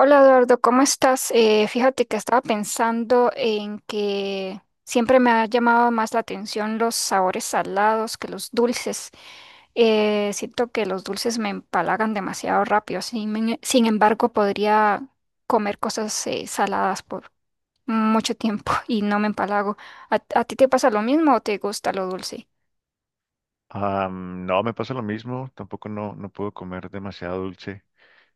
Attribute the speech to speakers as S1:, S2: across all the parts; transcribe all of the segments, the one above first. S1: Hola Eduardo, ¿cómo estás? Fíjate que estaba pensando en que siempre me ha llamado más la atención los sabores salados que los dulces. Siento que los dulces me empalagan demasiado rápido. Sin embargo, podría comer cosas saladas por mucho tiempo y no me empalago. ¿A ti te pasa lo mismo o te gusta lo dulce?
S2: No, me pasa lo mismo, tampoco no puedo comer demasiado dulce.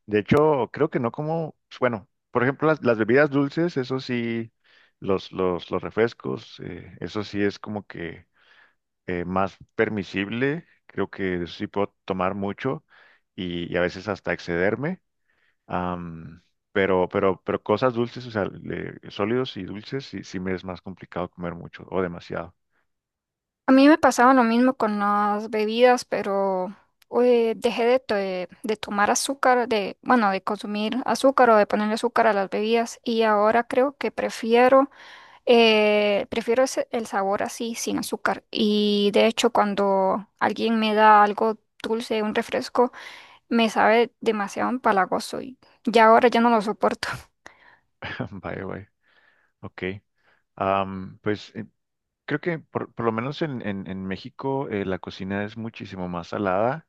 S2: De hecho, creo que no como, pues, bueno, por ejemplo, las bebidas dulces, eso sí, los refrescos, eso sí es como que más permisible, creo que sí puedo tomar mucho y a veces hasta excederme. Am, pero cosas dulces, o sea, sólidos y dulces, sí me es más complicado comer mucho o demasiado.
S1: A mí me pasaba lo mismo con las bebidas, pero dejé de tomar azúcar, de, bueno, de consumir azúcar o de ponerle azúcar a las bebidas y ahora creo que prefiero, prefiero el sabor así, sin azúcar. Y de hecho, cuando alguien me da algo dulce, un refresco, me sabe demasiado empalagoso y ya ahora ya no lo soporto.
S2: Vaya, vaya, ok. Pues, creo que por lo menos en México, la cocina es muchísimo más salada.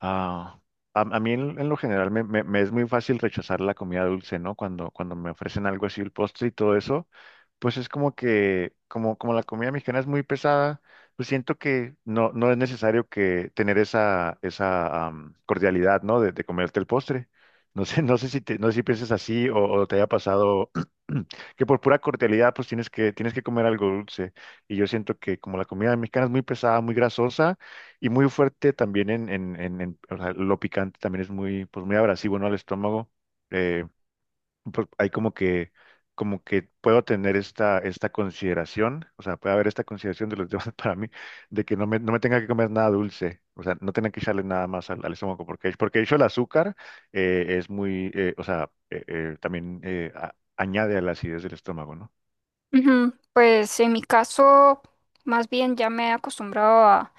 S2: Ah, a mí en lo general me es muy fácil rechazar la comida dulce, ¿no? Cuando me ofrecen algo así, el postre y todo eso, pues es como que, como la comida mexicana es muy pesada, pues siento que no es necesario que tener esa cordialidad, ¿no? De comerte el postre. No sé si piensas así o te haya pasado que por pura cordialidad pues tienes que comer algo dulce. Y yo siento que como la comida mexicana es muy pesada, muy grasosa, y muy fuerte también o sea, lo picante también es muy, pues muy abrasivo, ¿no? Al estómago. Eh, pues hay como que puedo tener esta consideración, o sea, puede haber esta consideración de los demás para mí, de que no me tenga que comer nada dulce, o sea, no tenga que echarle nada más al estómago, porque de hecho el azúcar es muy, o sea, también añade a la acidez del estómago, ¿no?
S1: Ujú. Pues en mi caso, más bien ya me he acostumbrado a,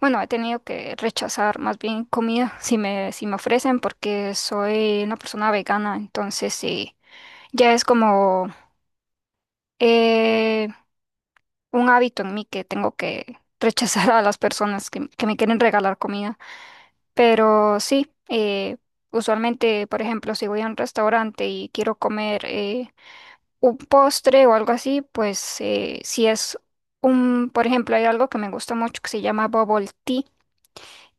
S1: bueno, he tenido que rechazar más bien comida si me, si me ofrecen porque soy una persona vegana, entonces sí, ya es como eh, un hábito en mí que tengo que rechazar a las personas que me quieren regalar comida. Pero sí, usualmente, por ejemplo, si voy a un restaurante y quiero comer... un postre o algo así, pues si es un, por ejemplo, hay algo que me gusta mucho que se llama bubble tea,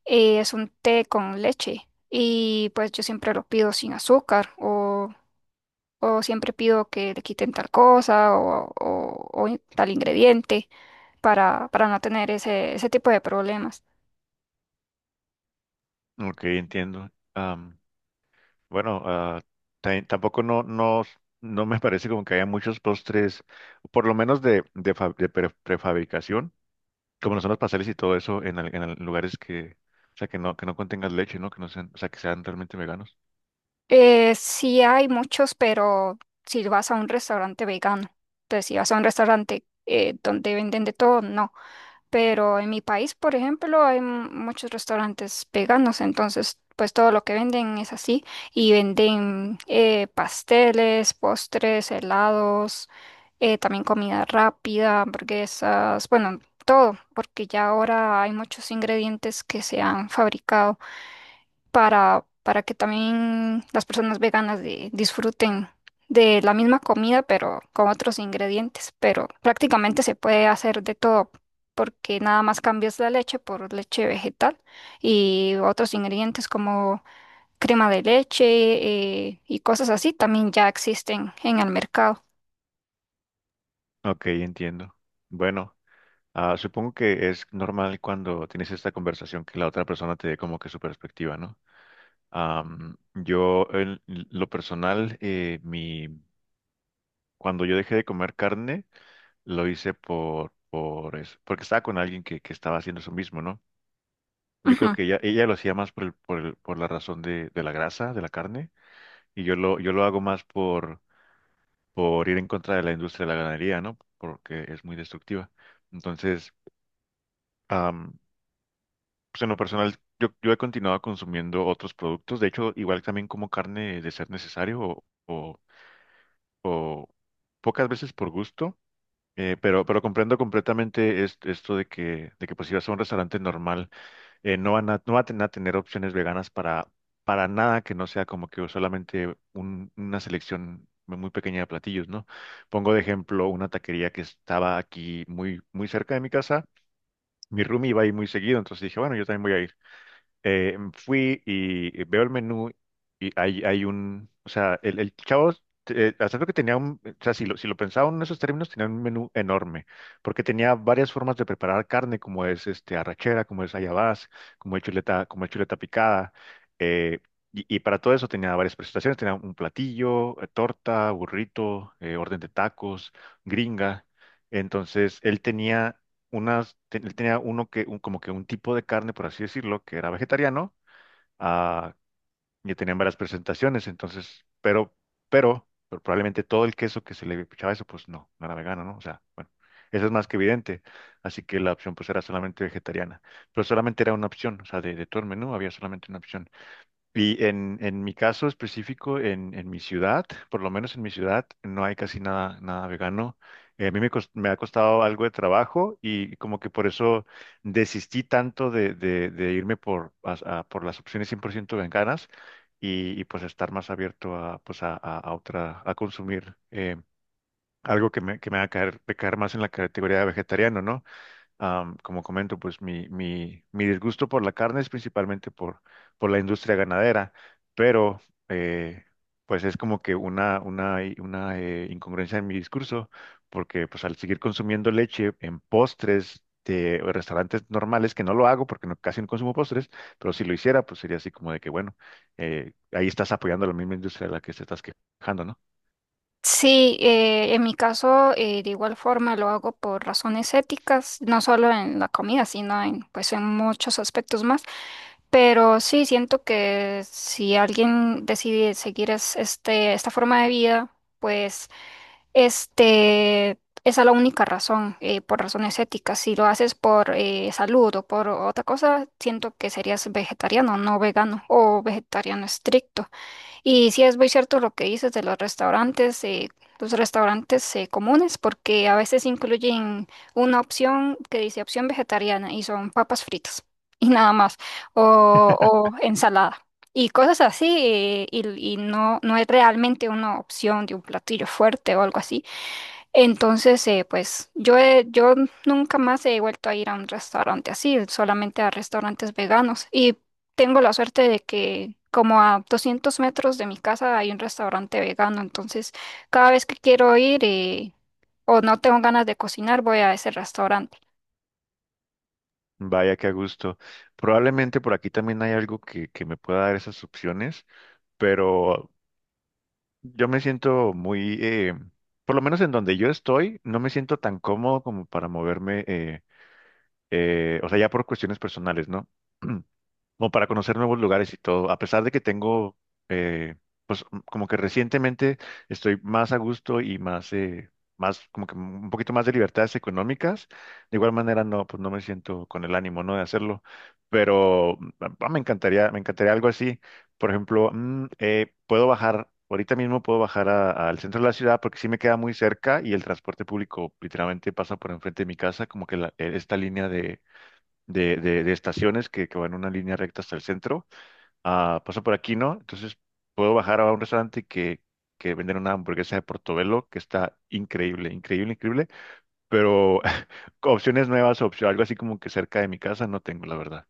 S1: es un té con leche y pues yo siempre lo pido sin azúcar o siempre pido que le quiten tal cosa o, tal ingrediente para no tener ese, ese tipo de problemas.
S2: Ok, entiendo. Bueno, ah, tampoco no me parece como que haya muchos postres, por lo menos de prefabricación, como lo son los pasteles y todo eso en lugares que, o sea, que no contengan leche, ¿no? Que no sean, o sea, que sean realmente veganos.
S1: Sí hay muchos, pero si vas a un restaurante vegano, entonces si vas a un restaurante donde venden de todo, no. Pero en mi país, por ejemplo, hay muchos restaurantes veganos, entonces pues todo lo que venden es así y venden pasteles, postres, helados, también comida rápida, hamburguesas, bueno, todo, porque ya ahora hay muchos ingredientes que se han fabricado para que también las personas veganas disfruten de la misma comida, pero con otros ingredientes. Pero prácticamente se puede hacer de todo, porque nada más cambias la leche por leche vegetal y otros ingredientes como crema de leche y cosas así también ya existen en el mercado.
S2: Ok, entiendo. Bueno, ah, supongo que es normal cuando tienes esta conversación que la otra persona te dé como que su perspectiva, ¿no? Yo, en lo personal, cuando yo dejé de comer carne, lo hice por eso, porque estaba con alguien que estaba haciendo eso mismo, ¿no? Yo creo que ella lo hacía más por la razón de la grasa, de la carne, y yo lo hago más por ir en contra de la industria de la ganadería, ¿no? Porque es muy destructiva. Entonces, am, pues en lo personal, yo he continuado consumiendo otros productos. De hecho, igual también como carne de ser necesario o pocas veces por gusto. Pero comprendo completamente esto de que pues si vas a un restaurante normal, no van a tener a tener opciones veganas para nada que no sea como que solamente una selección muy pequeña de platillos, ¿no? Pongo de ejemplo una taquería que estaba aquí muy, muy cerca de mi casa. Mi roomie iba ahí muy seguido, entonces dije, bueno, yo también voy a, fui y veo el menú, y hay un, o sea, el chavo, a pesar que tenía un, o sea, si lo pensaba en esos términos, tenía un menú enorme, porque tenía varias formas de preparar carne, como es este, arrachera, como es ayabás, como es chuleta picada, eh, y para todo eso tenía varias presentaciones, tenía un platillo, torta, burrito, orden de tacos, gringa. Entonces, él tenía uno que, como que un tipo de carne, por así decirlo, que era vegetariano. ah, y tenían varias presentaciones, entonces, pero probablemente todo el queso que se le echaba eso, pues no era vegano, ¿no? O sea, bueno, eso es más que evidente, así que la opción pues era solamente vegetariana, pero solamente era una opción, o sea, de todo el menú había solamente una opción. Y en mi caso específico, en mi ciudad, por lo menos en mi ciudad, no hay casi nada, nada vegano. A me ha costado algo de trabajo y como que por eso desistí tanto de irme por las opciones 100% veganas, pues estar más abierto a, pues a consumir, algo que me haga caer, de caer más en la categoría de vegetariano, ¿no? Como comento, pues mi disgusto por la carne es principalmente por la industria ganadera, pero, eh, pues es como que una incongruencia en mi discurso, porque pues al seguir consumiendo leche en postres de restaurantes normales, que no lo hago porque casi no consumo postres, pero si lo hiciera, pues sería así como de que, bueno, ahí estás apoyando la misma industria de la que te estás quejando, ¿no?
S1: Sí, en mi caso, de igual forma lo hago por razones éticas, no solo en la comida, sino en, pues, en muchos aspectos más. Pero sí, siento que si alguien decide seguir este, esta forma de vida, pues este, esa es la única razón, por razones éticas. Si lo haces por salud o por otra cosa, siento que serías vegetariano, no vegano o vegetariano estricto. Y sí es muy cierto lo que dices de los restaurantes comunes, porque a veces incluyen una opción que dice opción vegetariana y son papas fritas y nada más, o, o ensalada y cosas así, y no, no es realmente una opción de un platillo fuerte o algo así. Entonces, pues yo nunca más he vuelto a ir a un restaurante así, solamente a restaurantes veganos. Y tengo la suerte de que como a 200 metros de mi casa hay un restaurante vegano, entonces cada vez que quiero ir o no tengo ganas de cocinar, voy a ese restaurante.
S2: Vaya que a gusto. Probablemente por aquí también hay algo que me pueda dar esas opciones. Pero yo me siento muy, por lo menos en donde yo estoy, no me siento tan cómodo como para moverme, o sea, ya por cuestiones personales, ¿no? Como para conocer nuevos lugares y todo, a pesar de que tengo, eh, pues como que recientemente estoy más a gusto y más, más, como que un poquito más de libertades económicas. De igual manera no, pues no me siento con el ánimo, ¿no?, de hacerlo, pero me encantaría algo así, por ejemplo. Puedo bajar. Ahorita mismo puedo bajar al centro de la ciudad, porque sí me queda muy cerca y el transporte público literalmente pasa por enfrente de mi casa, como que esta línea de estaciones que van en una línea recta hasta el centro. Ah, paso por aquí, ¿no? Entonces puedo bajar a un restaurante que venden una hamburguesa de Portobelo que está increíble, increíble, increíble. Pero opciones nuevas, opción, algo así como que cerca de mi casa no tengo, la verdad.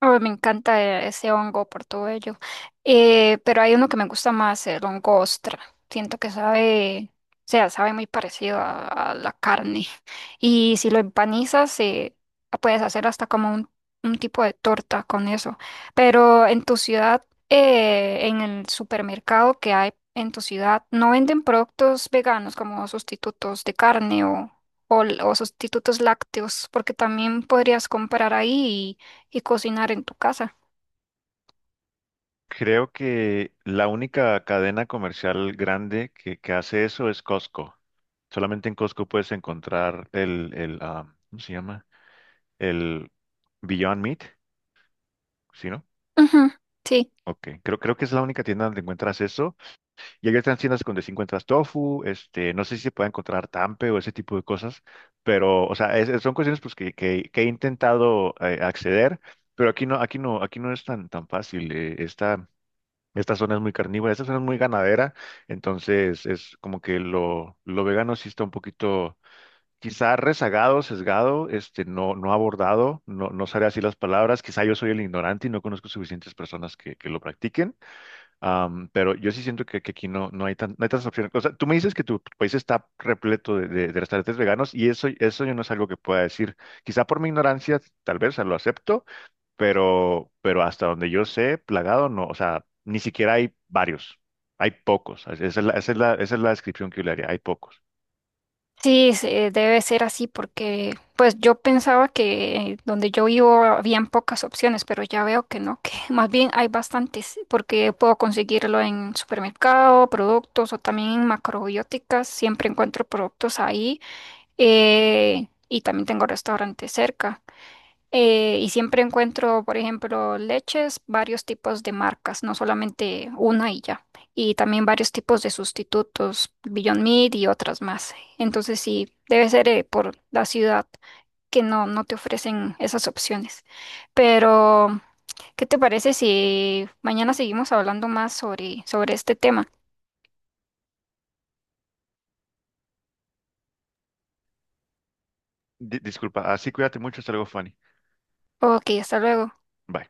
S1: Oh, me encanta ese hongo por todo ello. Pero hay uno que me gusta más, el hongo ostra. Siento que sabe, o sea, sabe muy parecido a la carne. Y si lo empanizas, puedes hacer hasta como un tipo de torta con eso. Pero en tu ciudad, en el supermercado que hay en tu ciudad, ¿no venden productos veganos como sustitutos de carne o, o sustitutos lácteos? Porque también podrías comprar ahí y cocinar en tu casa.
S2: Creo que la única cadena comercial grande que hace eso es Costco. Solamente en Costco puedes encontrar el ¿cómo se llama? El Beyond Meat, ¿sí, no?
S1: Ujú. Sí,
S2: Ok, creo que es la única tienda donde encuentras eso. Y hay otras tiendas donde sí encuentras tofu, este, no sé si se puede encontrar tampe o ese tipo de cosas, pero, o sea, son cuestiones pues, que he intentado, acceder, pero aquí no, aquí no, aquí no es tan, tan fácil. Esta zona es muy carnívora, esta zona es muy ganadera, entonces es como que lo vegano sí está un poquito, quizá rezagado, sesgado, este, no, no abordado, no, no sabré así las palabras. Quizá yo soy el ignorante y no conozco suficientes personas que lo practiquen. Pero yo sí siento que aquí no, no hay tantas opciones. O sea, tú me dices que tu país está repleto de restaurantes veganos, y eso yo no es algo que pueda decir. Quizá por mi ignorancia, tal vez, o sea, lo acepto, pero hasta donde yo sé, plagado no. O sea, ni siquiera hay varios. Hay pocos. Esa es la, esa es la, esa es la descripción que yo le haría. Hay pocos.
S1: sí, se- debe ser así porque pues yo pensaba que donde yo vivo habían pocas opciones, pero ya veo que no, que más bien hay bastantes porque puedo conseguirlo en supermercado, productos o también en macrobióticas, siempre encuentro productos ahí y también tengo restaurantes cerca. Y siempre encuentro, por ejemplo, leches, varios tipos de marcas, no solamente una y ya. Y también varios tipos de sustitutos, Beyond Meat y otras más. Entonces sí, debe ser por la ciudad que no, no te ofrecen esas opciones. Pero, ¿qué te parece si mañana seguimos hablando más sobre, sobre este tema?
S2: Disculpa, así cuídate mucho. Hasta luego, Fanny.
S1: Ok, hasta luego.
S2: Bye.